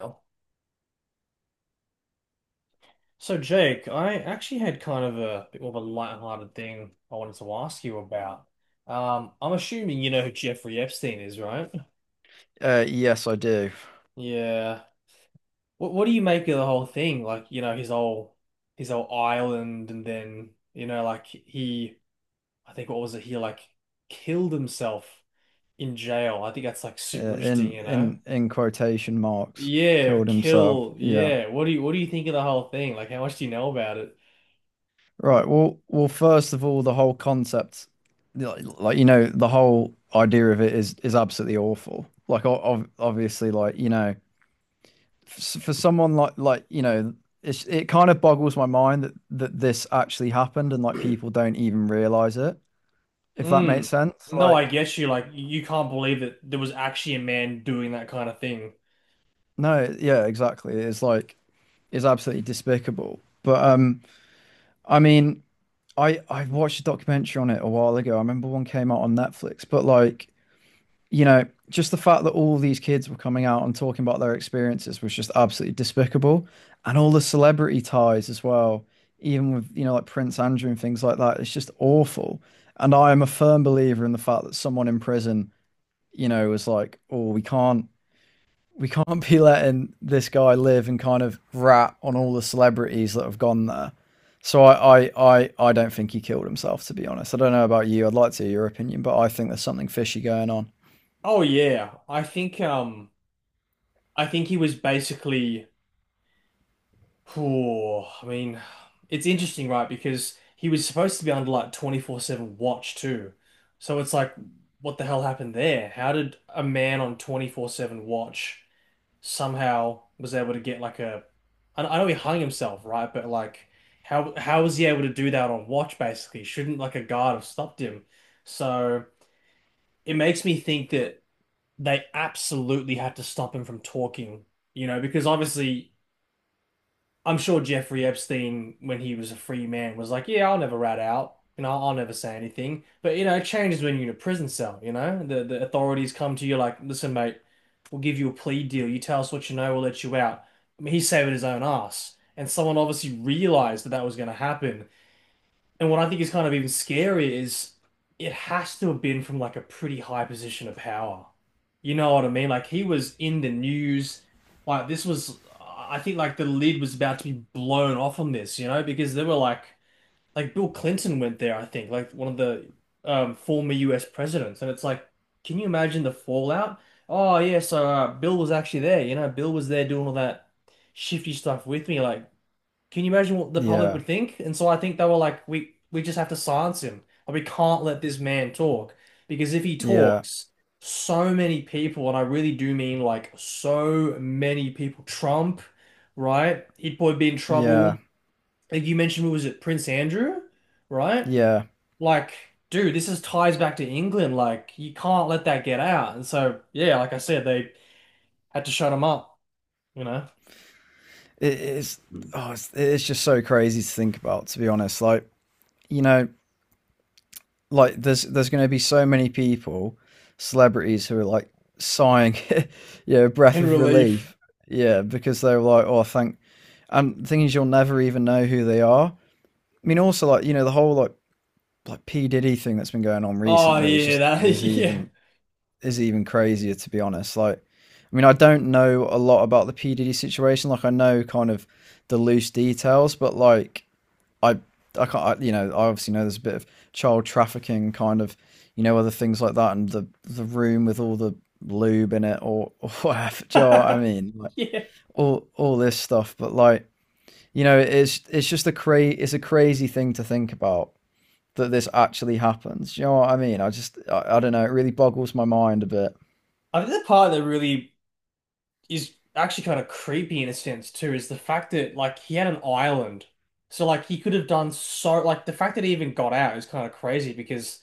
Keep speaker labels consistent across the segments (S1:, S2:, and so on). S1: Oh. So Jake, I actually had kind of a bit more of a lighthearted thing I wanted to ask you about. I'm assuming you know who Jeffrey Epstein is, right?
S2: Yes, I do.
S1: Yeah. What do you make of the whole thing? Like, you know, his whole island and then, you know, like he I think what was it, he killed himself in jail. I think that's like super interesting,
S2: In
S1: you know?
S2: in quotation marks,
S1: Yeah,
S2: killed himself.
S1: kill,
S2: Yeah.
S1: yeah. What do you think of the whole thing? Like how much do you know about it?
S2: Right. Well. First of all, the whole concept, like, the whole idea of it is absolutely awful. Like, obviously, like for someone like it kind of boggles my mind that this actually happened, and like people don't even realize it. If that
S1: Mm.
S2: makes sense.
S1: No, I
S2: Like,
S1: get you. Like, you can't believe that there was actually a man doing that kind of thing.
S2: no, yeah, exactly. It's like it's absolutely despicable. But I mean. I watched a documentary on it a while ago. I remember one came out on Netflix, but like, just the fact that all these kids were coming out and talking about their experiences was just absolutely despicable. And all the celebrity ties as well, even with, like Prince Andrew and things like that, it's just awful. And I am a firm believer in the fact that someone in prison, was like, oh, we can't be letting this guy live and kind of rat on all the celebrities that have gone there. So I don't think he killed himself, to be honest. I don't know about you. I'd like to hear your opinion, but I think there's something fishy going on.
S1: Oh yeah, I think he was basically. Oh, I mean, it's interesting, right? Because he was supposed to be under like 24/7 watch too. So it's like, what the hell happened there? How did a man on 24/7 watch somehow was able to get like a I know he hung himself, right? But like how was he able to do that on watch basically? Shouldn't like a guard have stopped him? So it makes me think that they absolutely had to stop him from talking, you know, because obviously I'm sure Jeffrey Epstein, when he was a free man, was like, "Yeah, I'll never rat out, you know, I'll never say anything." But you know, it changes when you're in a prison cell. You know, the authorities come to you like, "Listen, mate, we'll give you a plea deal. You tell us what you know, we'll let you out." I mean, he's saving his own ass, and someone obviously realized that that was going to happen, and what I think is kind of even scarier is it has to have been from like a pretty high position of power. You know what I mean? Like he was in the news. Like this was, I think like the lid was about to be blown off on this, you know, because there were like Bill Clinton went there, I think, like one of the former US presidents. And it's like, can you imagine the fallout? Oh yeah, so Bill was actually there, you know, Bill was there doing all that shifty stuff with me. Like, can you imagine what the public
S2: Yeah,
S1: would think? And so I think they were like, we just have to silence him. Like, we can't let this man talk because if he
S2: yeah,
S1: talks, so many people, and I really do mean like so many people, Trump, right? He'd probably be in trouble.
S2: yeah,
S1: Like you mentioned, what was it, Prince Andrew, right?
S2: yeah.
S1: Like, dude, this is ties back to England. Like, you can't let that get out. And so, yeah, like I said, they had to shut him up, you know.
S2: It, it's,
S1: Mm.
S2: oh, it's just so crazy to think about, to be honest. Like you know, like there's going to be so many people, celebrities who are like sighing, yeah, know, breath
S1: In
S2: of
S1: relief.
S2: relief. Yeah, because they were like, oh, thank and is, you'll never even know who they are. I mean, also like the whole like P Diddy thing that's been going on
S1: Oh
S2: recently is
S1: yeah,
S2: just
S1: that
S2: is
S1: yeah.
S2: even is even crazier to be honest. Like, I mean, I don't know a lot about the P Diddy situation. Like, I know kind of the loose details, but like I I can't I, you know I obviously know there's a bit of child trafficking kind of other things like that and the room with all the lube in it or or whatever. Do you know what I mean? Like
S1: Yeah.
S2: all this stuff, but like it's a crazy thing to think about that this actually happens. Do you know what I mean? I don't know. It really boggles my mind a bit.
S1: I think the part that really is actually kind of creepy in a sense too is the fact that like he had an island. So like he could have done so like the fact that he even got out is kind of crazy because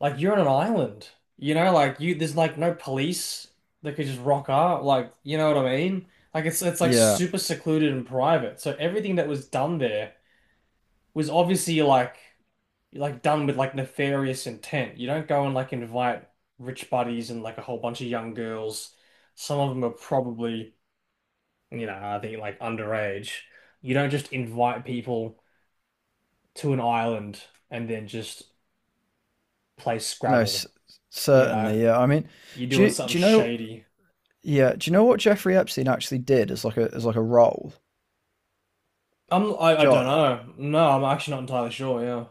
S1: like you're on an island. You know, like you there's like no police that could just rock up. Like, you know what I mean? Like it's like
S2: Yeah.
S1: super secluded and private. So everything that was done there was obviously like done with like nefarious intent. You don't go and like invite rich buddies and like a whole bunch of young girls. Some of them are probably, you know, I think like underage. You don't just invite people to an island and then just play
S2: No.
S1: Scrabble, you know.
S2: Certainly. Yeah. I mean,
S1: You're
S2: do
S1: doing
S2: you,
S1: something
S2: do you know?
S1: shady.
S2: Yeah. Do you know what Jeffrey Epstein actually did as like a role?
S1: I
S2: Do you
S1: don't
S2: know
S1: know. No, I'm actually not entirely sure, yeah.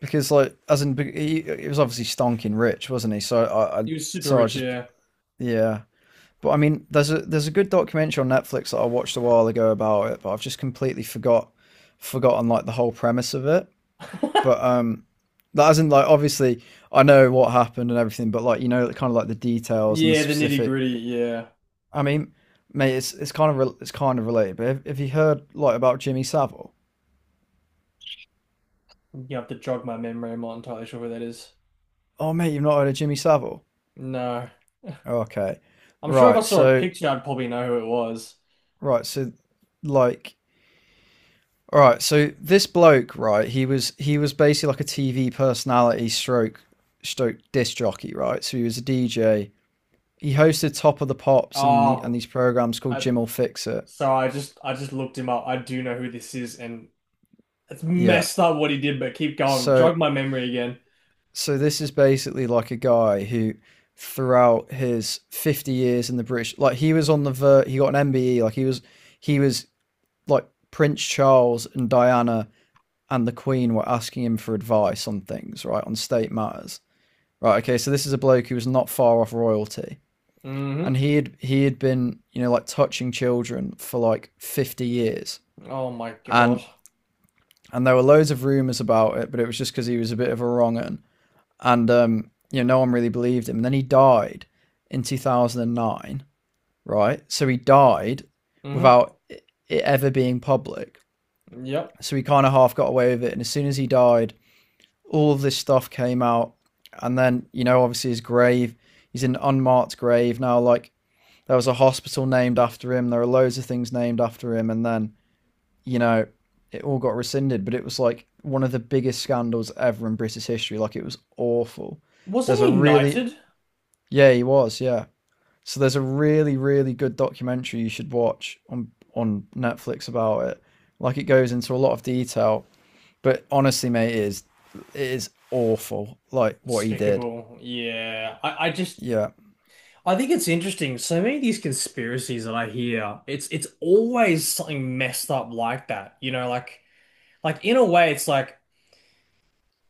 S2: because like as in he was obviously stonking rich, wasn't he? So I, I
S1: He was super
S2: so I
S1: rich,
S2: just,
S1: yeah.
S2: yeah. But I mean, there's a good documentary on Netflix that I watched a while ago about it, but I've just completely forgotten like the whole premise of it. But that isn't, like, obviously I know what happened and everything, but like kind of like the details and the
S1: Yeah, the nitty
S2: specific.
S1: gritty, yeah.
S2: I mean, mate, it's kind of related. But have you heard like about Jimmy Savile?
S1: You have to jog my memory. I'm not entirely sure where that is.
S2: Oh, mate, you've not heard of Jimmy Savile?
S1: No.
S2: Okay,
S1: I'm sure if I
S2: right.
S1: saw a picture, I'd probably know who it was.
S2: Right, so like All right, so this bloke, right? He was basically like a TV personality, stroke disc jockey, right? So he was a DJ. He hosted Top of the Pops and
S1: Oh,
S2: these programs called
S1: I
S2: Jim'll Fix It.
S1: so I just looked him up. I do know who this is, and it's
S2: Yeah.
S1: messed up what he did. But keep going,
S2: So
S1: jog my memory again.
S2: so this is basically like a guy who, throughout his 50 years in the British, like he was on the ver, he got an MBE, like he was like Prince Charles and Diana and the Queen were asking him for advice on things, right, on state matters. Right. Okay. So this is a bloke who was not far off royalty,
S1: Hmm.
S2: and he had been like touching children for like 50 years,
S1: Oh my God.
S2: and and there were loads of rumors about it, but it was just because he was a bit of a wrong un, and no one really believed him. And then he died in 2009. Right. So he died
S1: Hmm.
S2: without it ever being public.
S1: Yep.
S2: So he kind of half got away with it, and as soon as he died, all of this stuff came out, and then obviously his grave. He's in an unmarked grave now. Like, there was a hospital named after him. There are loads of things named after him. And then, you know, it all got rescinded, but it was like one of the biggest scandals ever in British history. Like it was awful.
S1: Wasn't
S2: There's a
S1: he
S2: really,
S1: knighted?
S2: yeah, he was, yeah. So there's a really, really good documentary you should watch on Netflix about it. Like it goes into a lot of detail, but honestly, mate, it is awful. Like what he did.
S1: Despicable. Yeah. I just
S2: Yeah.
S1: I think it's interesting. So many of these conspiracies that I hear, it's always something messed up like that. You know, like in a way, it's like.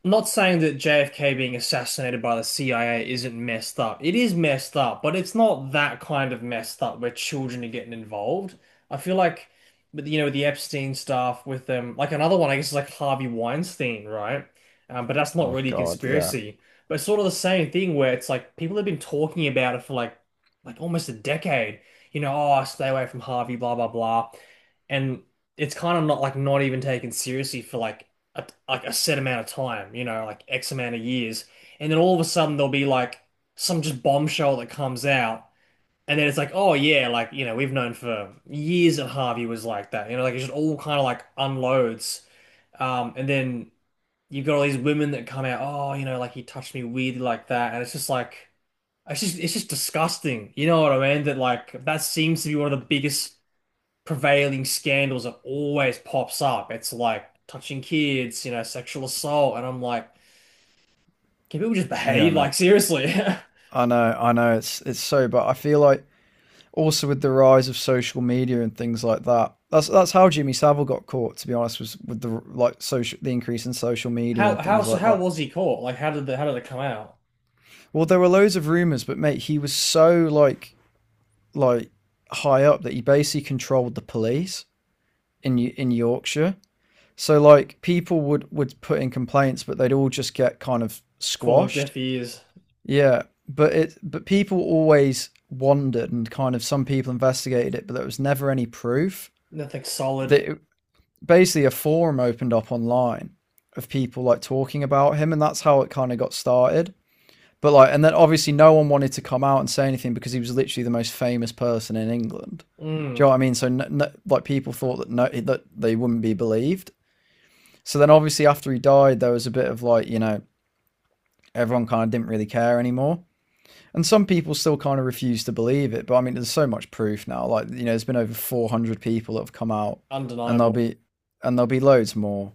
S1: Not saying that JFK being assassinated by the CIA isn't messed up. It is messed up, but it's not that kind of messed up where children are getting involved. I feel like, with you know, with the Epstein stuff, with them, like another one, I guess, is like Harvey Weinstein, right? But that's not
S2: Oh
S1: really a
S2: God. Yeah.
S1: conspiracy. But it's sort of the same thing where it's like people have been talking about it for like almost a decade. You know, oh, stay away from Harvey, blah blah blah, and it's kind of not like not even taken seriously for like like a set amount of time, you know, like X amount of years, and then all of a sudden there'll be like some just bombshell that comes out, and then it's like, oh yeah, like you know, we've known for years that Harvey was like that, you know, like it just all kind of like unloads, and then you've got all these women that come out, oh, you know, like he touched me weirdly like that, and it's just like. It's just disgusting. You know what I mean? That like that seems to be one of the biggest prevailing scandals that always pops up. It's like touching kids, you know, sexual assault, and I'm like, can people just
S2: Yeah,
S1: behave?
S2: mate.
S1: Like seriously,
S2: I know, I know. It's so, but I feel like also with the rise of social media and things like that, that's how Jimmy Savile got caught. To be honest, was with the increase in social media
S1: how
S2: and
S1: how
S2: things
S1: so
S2: like
S1: how
S2: that.
S1: was he caught? Like how did the how did it come out?
S2: Well, there were loads of rumors, but mate, he was so like high up that he basically controlled the police in Yorkshire. So like people would put in complaints, but they'd all just get kind of
S1: Fall on
S2: squashed.
S1: deaf ears,
S2: Yeah, but people always wondered, and kind of some people investigated it, but there was never any proof
S1: nothing solid.
S2: that it- basically a forum opened up online of people like talking about him, and that's how it kind of got started. But like, and then obviously no one wanted to come out and say anything because he was literally the most famous person in England. Do you
S1: Mm,
S2: know what I mean? So no, no, like people thought that no, that they wouldn't be believed. So then obviously after he died, there was a bit of like, everyone kind of didn't really care anymore. And some people still kind of refuse to believe it. But I mean, there's so much proof now. Like, there's been over 400 people that have come out, and there'll
S1: undeniable.
S2: be, and there'll be loads more.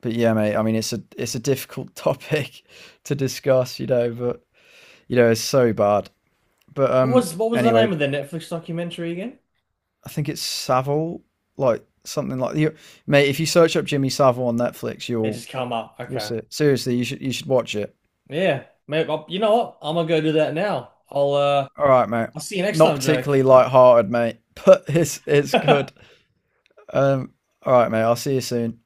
S2: But yeah, mate, I mean, it's a difficult topic to discuss, but it's so bad. But,
S1: What was the
S2: anyway,
S1: name of the Netflix documentary again?
S2: I think it's Savile, like something like you, mate, if you search up Jimmy Savile on Netflix,
S1: It
S2: you'll,
S1: just come up.
S2: you'll
S1: Okay,
S2: see it. Seriously, you should watch it.
S1: yeah, maybe I'll, you know what? I'm gonna go do that now.
S2: All right, mate.
S1: I'll see you next
S2: Not
S1: time, Jake.
S2: particularly light-hearted, mate, but it's good. Um, all right, mate. I'll see you soon.